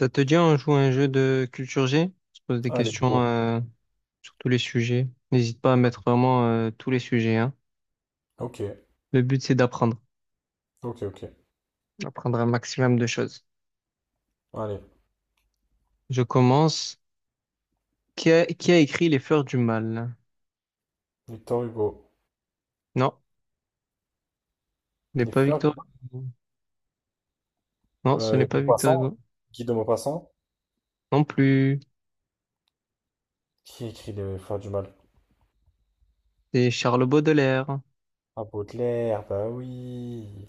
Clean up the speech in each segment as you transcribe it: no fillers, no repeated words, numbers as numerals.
Ça te dit, on joue à un jeu de culture G? On se pose des Allez, questions go. Sur tous les sujets. N'hésite pas à mettre vraiment tous les sujets, hein. Ok, Le but, c'est d'apprendre, ok, ok. d'apprendre un maximum de choses. Allez, Je commence. Qui a écrit Les Fleurs du Mal? Victor Hugo. Non, ce n'est Les pas fleurs du Victor mal. Hugo. Non, ce n'est pas Victor Maupassant, Hugo. Guy de Maupassant, Non plus. qui écrit les fleurs du mal? C'est Charles Baudelaire. Ah, Baudelaire, bah oui.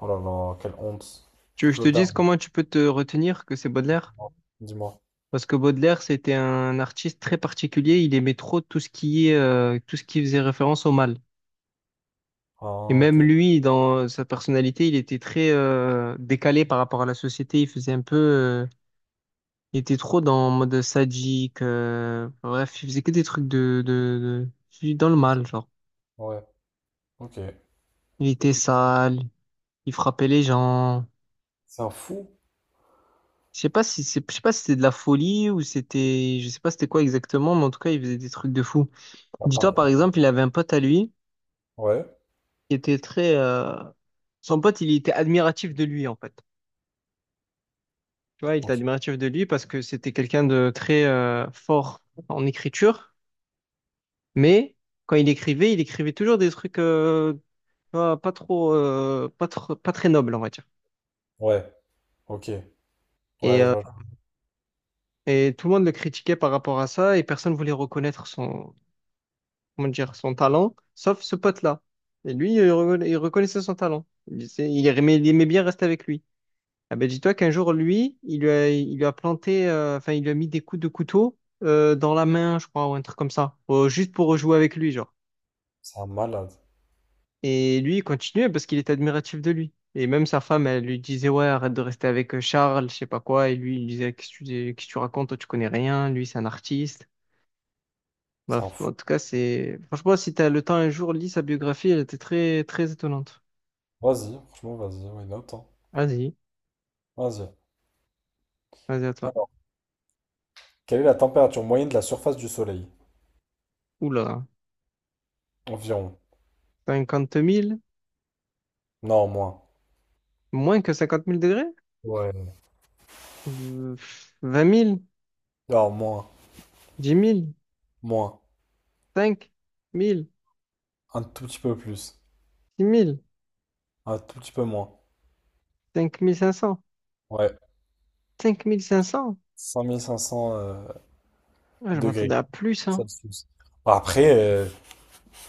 Oh là là, quelle honte. Tu Du veux que je te Claude dise Darmon, comment tu peux te retenir que c'est Baudelaire? dis-moi. Parce que Baudelaire, c'était un artiste très particulier. Il aimait trop tout ce qui est, tout ce qui faisait référence au mal. Et Ah, ok. même lui, dans sa personnalité, il était très décalé par rapport à la société. Il faisait un peu, il était trop dans en mode sadique. Enfin, bref, il faisait que des trucs dans le mal, genre. Ouais, ok. Il était sale, il frappait les gens. C'est un fou? Je sais pas si c'était de la folie ou je sais pas c'était quoi exactement, mais en tout cas, il faisait des trucs de fou. Bah, Dis-toi, par pareil. exemple, il avait un pote à lui Ouais, qui était très, euh, son pote, il était admiratif de lui, en fait. Tu vois, il était ok. admiratif de lui parce que c'était quelqu'un de très fort en écriture, mais quand il écrivait toujours des trucs tu vois, pas trop, pas très nobles, on va dire. Ouais, ok. Et, Ouais, je euh, vois. et tout le monde le critiquait par rapport à ça et personne voulait reconnaître son, comment dire, son talent, sauf ce pote-là. Et lui, il reconnaissait son talent. Il aimait bien rester avec lui. Ah ben, dis-toi qu'un jour, lui, il lui a planté, il lui a mis des coups de couteau dans la main, je crois, ou un truc comme ça, juste pour rejouer avec lui, genre. C'est un malade. Et lui, il continuait parce qu'il était admiratif de lui. Et même sa femme, elle lui disait, ouais, arrête de rester avec Charles, je sais pas quoi. Et lui, il disait, qu'est-ce que tu racontes, toi, tu connais rien, lui, c'est un artiste. C'est un Bref, fou. en tout cas, franchement, si t'as le temps un jour, lis sa biographie, elle était très, très étonnante. Vas-y, franchement, vas-y, ouais, note, hein. Vas-y, Vas-y. vas-y à toi. Alors, quelle est la température moyenne de la surface du Soleil? Oula, Environ. 50 000. Non, moins. Moins que 50 000 degrés? Ouais. Euh, 20 000? Alors moins, moins, 10 un tout petit peu plus, 000, un tout petit peu moins. 5 000, 6 000, 5 500, Ouais, 5 500. 5500 Ah, je degrés m'attendais à plus, hein. Celsius. Après,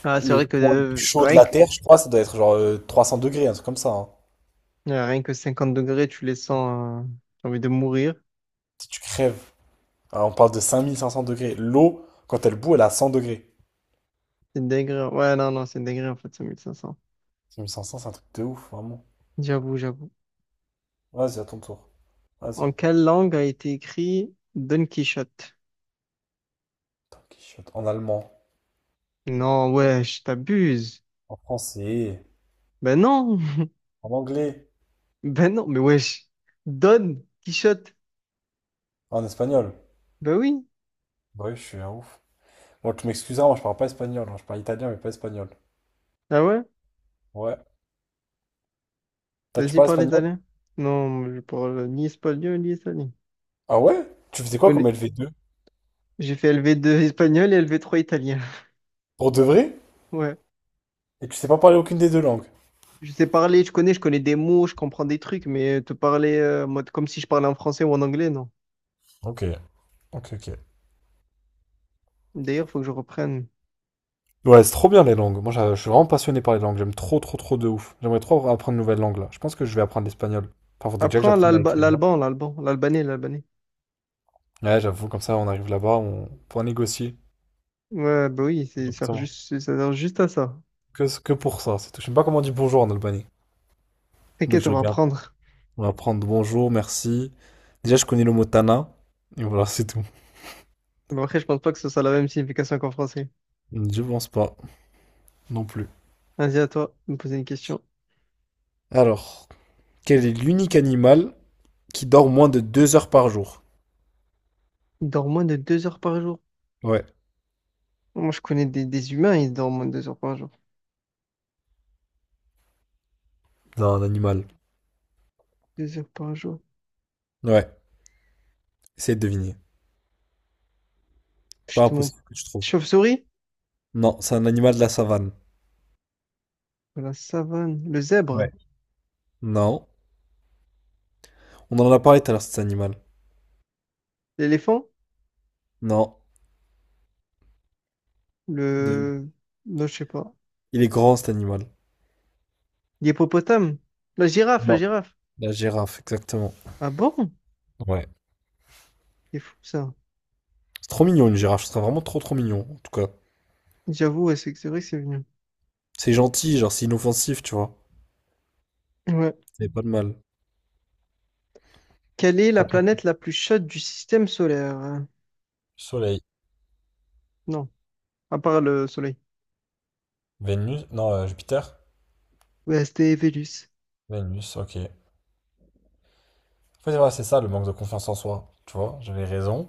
Ah, c'est le vrai que point le plus chaud de la Terre, je crois, ça doit être genre 300 degrés, un truc comme ça, hein. Rien que 50 degrés, tu les sens, j'ai envie de mourir. Si tu crèves, alors, on parle de 5500 degrés. L'eau, quand elle bout, elle a 100 degrés. C'est dégré. Ouais, non, non, c'est dégré en fait, cinq mille cinq 500. 5500, c'est un truc de ouf, vraiment. J'avoue, j'avoue. Vas-y, à ton tour. Vas-y. En quelle langue a été écrit Don Quichotte? Tanky shot. En allemand, Non, wesh, t'abuses. en français, Ben non, en anglais, ben non, mais wesh. Don Quichotte. en espagnol. Ben oui, Ouais, je suis un ouf. Bon, tu m'excuseras, moi je parle pas espagnol, hein. Je parle italien mais pas espagnol. ah ouais? Ouais. Toi, tu Vas-y, parles parle espagnol? italien. Non, je parle ni espagnol ni italien. Ah ouais? Tu faisais quoi comme connais- lv deux? J'ai fait LV2 espagnol et LV3 italien. Pour de vrai? Ouais. Et tu sais pas parler aucune des deux langues? Je sais parler, je connais des mots, je comprends des trucs, mais te parler mode comme si je parlais en français ou en anglais, non. Ok, ok, ok. D'ailleurs, faut que je reprenne. Ouais, c'est trop bien les langues. Moi, je suis vraiment passionné par les langues. J'aime trop, trop, trop de ouf. J'aimerais trop apprendre une nouvelle langue là. Je pense que je vais apprendre l'espagnol. Enfin, faudrait déjà que Apprends j'apprenne à l'alba- écrire, hein. l'alban, l'alban, l'albanais, l'albanais. Ouais, j'avoue, comme ça, on arrive là-bas, on pourra négocier. Ouais, bah oui, Exactement. Ça sert juste à ça. Que pour ça, c'est tout. Je sais même pas comment on dit bonjour en Albanie. Faudrait que T'inquiète, je on va regarde. apprendre. On va prendre bonjour, merci. Déjà, je connais le mot Tana. Et voilà, c'est tout. Mais après, je pense pas que ce soit la même signification qu'en français. Je pense pas non plus. Vas-y, à toi, de me poser une question. Alors, quel est l'unique animal qui dort moins de 2 heures par jour? Il dort moins de 2 heures par jour. Ouais, Moi, je connais des humains, ils dorment moins de deux heures par jour. c'est un animal. Deux heures par jour. Ouais, essaye de deviner. Pas Justement. impossible que tu trouves. Chauve-souris? Non, c'est un animal de la savane. La savane, le zèbre, Ouais. Non. On en a parlé tout à l'heure, cet animal. l'éléphant, Non. De- le... non, je sais pas. Il est grand, cet animal. L'hippopotame, la girafe, la Non. girafe. La girafe, exactement. Ah bon? Ouais. C'est fou ça. C'est trop mignon, une girafe. Ce serait vraiment trop, trop mignon, en tout cas. J'avoue, ouais, c'est vrai que c'est venu. C'est gentil, genre, c'est inoffensif, tu vois. Ouais. C'est pas de mal. Quelle est la Attends. planète la plus chaude du système solaire, hein? Soleil. Non, à part le Soleil. Vénus. Non, Jupiter. Ouais, c'était Vénus. Vénus, ok. En fait, voilà, c'est ça le manque de confiance en soi. Tu vois, j'avais raison.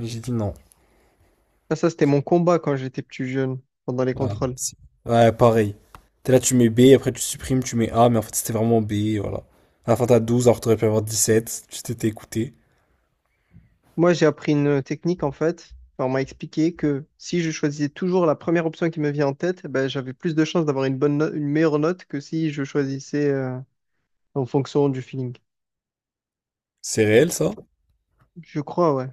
Mais j'ai dit non. Ah, ça, c'était mon combat quand j'étais plus jeune, pendant les Ouais, contrôles. c'est- ouais, pareil. T'es là, tu mets B, après tu supprimes, tu mets A, mais en fait c'était vraiment B, voilà. À la fin t'as 12, alors que t'aurais pu avoir 7 tu t'étais écouté. Moi, j'ai appris une technique, en fait. Enfin, on m'a expliqué que si je choisissais toujours la première option qui me vient en tête, eh ben, j'avais plus de chances d'avoir une bonne no- une meilleure note que si je choisissais, en fonction du feeling. C'est Tu vois. réel ça? Je crois, ouais.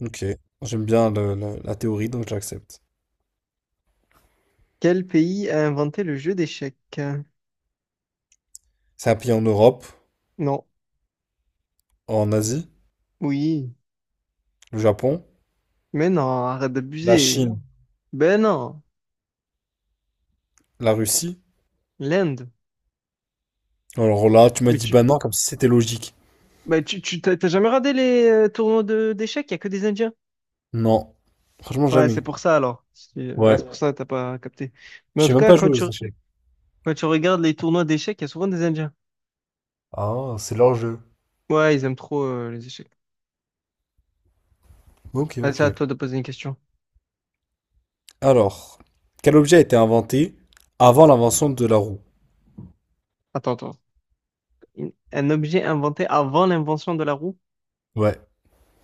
Ok. J'aime bien la théorie, donc j'accepte. Quel pays a inventé le jeu d'échecs? C'est un pays en Europe, Non. en Asie, Oui. le Japon, Mais non, arrête la d'abuser. Chine, Ben non, la Russie. l'Inde. Alors là, tu m'as Mais dit bah tu, non, comme si c'était logique. mais tu, tu t'as t'as jamais regardé les tournois de d'échecs? Il y a que des Indiens. Non. Franchement, Ouais, c'est jamais. pour ça alors. C'est ah, Ouais. c'est pour ça que t'as pas capté. Mais Je en sais tout même cas, pas jouer aux échecs. quand tu regardes les tournois d'échecs, il y a souvent des Indiens. Ah, c'est leur jeu. Ouais, ils aiment trop les échecs. Ok, Ah, ok. c'est à toi de poser une question. Alors, quel objet a été inventé avant l'invention de la roue? Attends, attends. Un objet inventé avant l'invention de la roue? Ouais,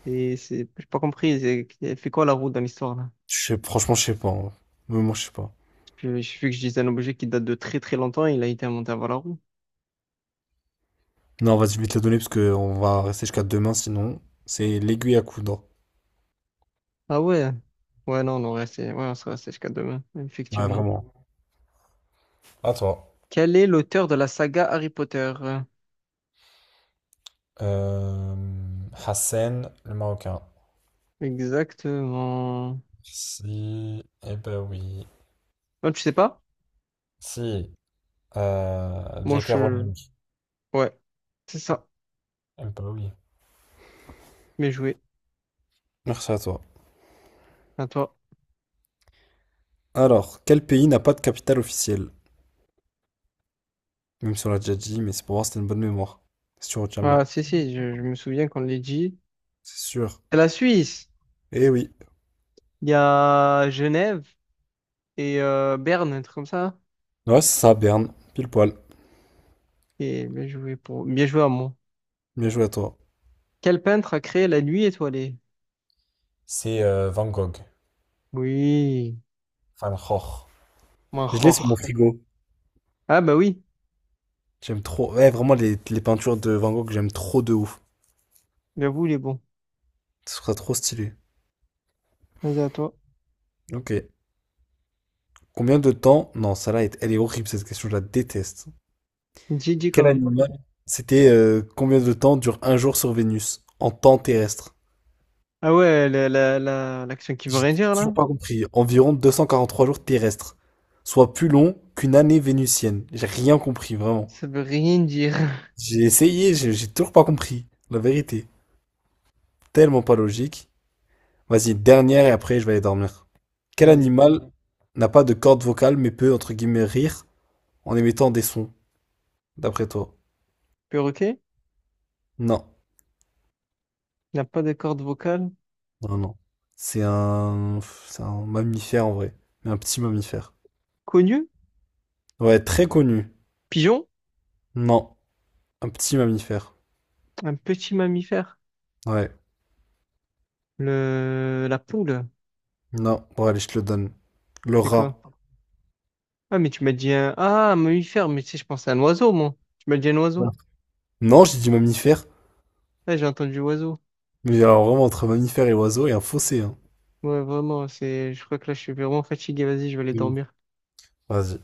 Et c'est, j'ai pas compris, elle fait quoi la roue dans l'histoire là? je sais, franchement, je sais pas, hein. Mais moi, je sais pas. Puis, j'ai vu que je disais un objet qui date de très très longtemps, il a été inventé avant la roue. Non, vas-y, je vais te la donner parce qu'on va rester jusqu'à demain, sinon. C'est l'aiguille à coudre. Ah ouais? Ouais, non, on aurait resté, ouais, on serait resté jusqu'à demain, Ouais, effectivement. vraiment. À toi. Quel est l'auteur de la saga Harry Potter? Euh, Hassan, le Marocain. Exactement. Si, eh ben oui. Non, tu sais pas? Si, Moi, J.K. je. Rowling. Ouais, c'est ça. Eh ben oui. Bien joué. Merci à toi. À toi. Alors, quel pays n'a pas de capitale officielle? Même si on l'a déjà dit, mais c'est pour voir si t'as une bonne mémoire. Si tu retiens bien. Ah, si, si, je me souviens qu'on l'a dit. C'est sûr. C'est la Suisse. Eh oui. Il y a Genève et Berne, un truc comme ça. Ouais, c'est ça, Berne. Pile poil. Et bien joué pour. Bien joué à moi. Bien joué à toi. Quel peintre a créé la nuit étoilée? C'est Van Gogh. Oui, Van Gogh. Je l'ai sur mon Manchor. frigo. Ah bah oui, J'aime trop. Ouais, vraiment, les peintures de Van Gogh, j'aime trop de ouf. j'avoue, il est bon. Ce sera trop stylé. Vas-y à toi. Ok. Combien de temps? Non, celle-là, elle est horrible, cette question, je la déteste. Gigi quand Quel même. animal? C'était combien de temps dure un jour sur Vénus en temps terrestre? Ah ouais, l'action qui veut J'ai rien dire là? toujours pas compris. Environ 243 jours terrestres, soit plus long qu'une année vénusienne. J'ai rien compris, vraiment. Ça veut rien dire. J'ai essayé, j'ai toujours pas compris. La vérité. Tellement pas logique. Vas-y, dernière et après je vais aller dormir. Quel Vas-y. animal n'a pas de corde vocale mais peut, entre guillemets, rire en émettant des sons, d'après toi? Perroquet? Non, Il n'a pas de corde vocale. non, non. C'est un... C'est un mammifère en vrai. Mais un petit mammifère. Connu? Ouais, très connu. Pigeon? Non, un petit mammifère. Un petit mammifère. Ouais, La poule, non. Bon, allez, je te le donne. Le c'est quoi? rat. Ah mais tu m'as dit un... Ah, un mammifère, mais tu sais, je pensais à un oiseau, moi. Tu m'as dit un oiseau? Non, j'ai dit mammifère. Ah, j'ai entendu oiseau. Mais alors vraiment, entre mammifère et oiseau, il y a un fossé, hein. Ouais, vraiment, je crois que là, je suis vraiment fatigué. Vas-y, je vais aller De ouf. dormir. Vas-y.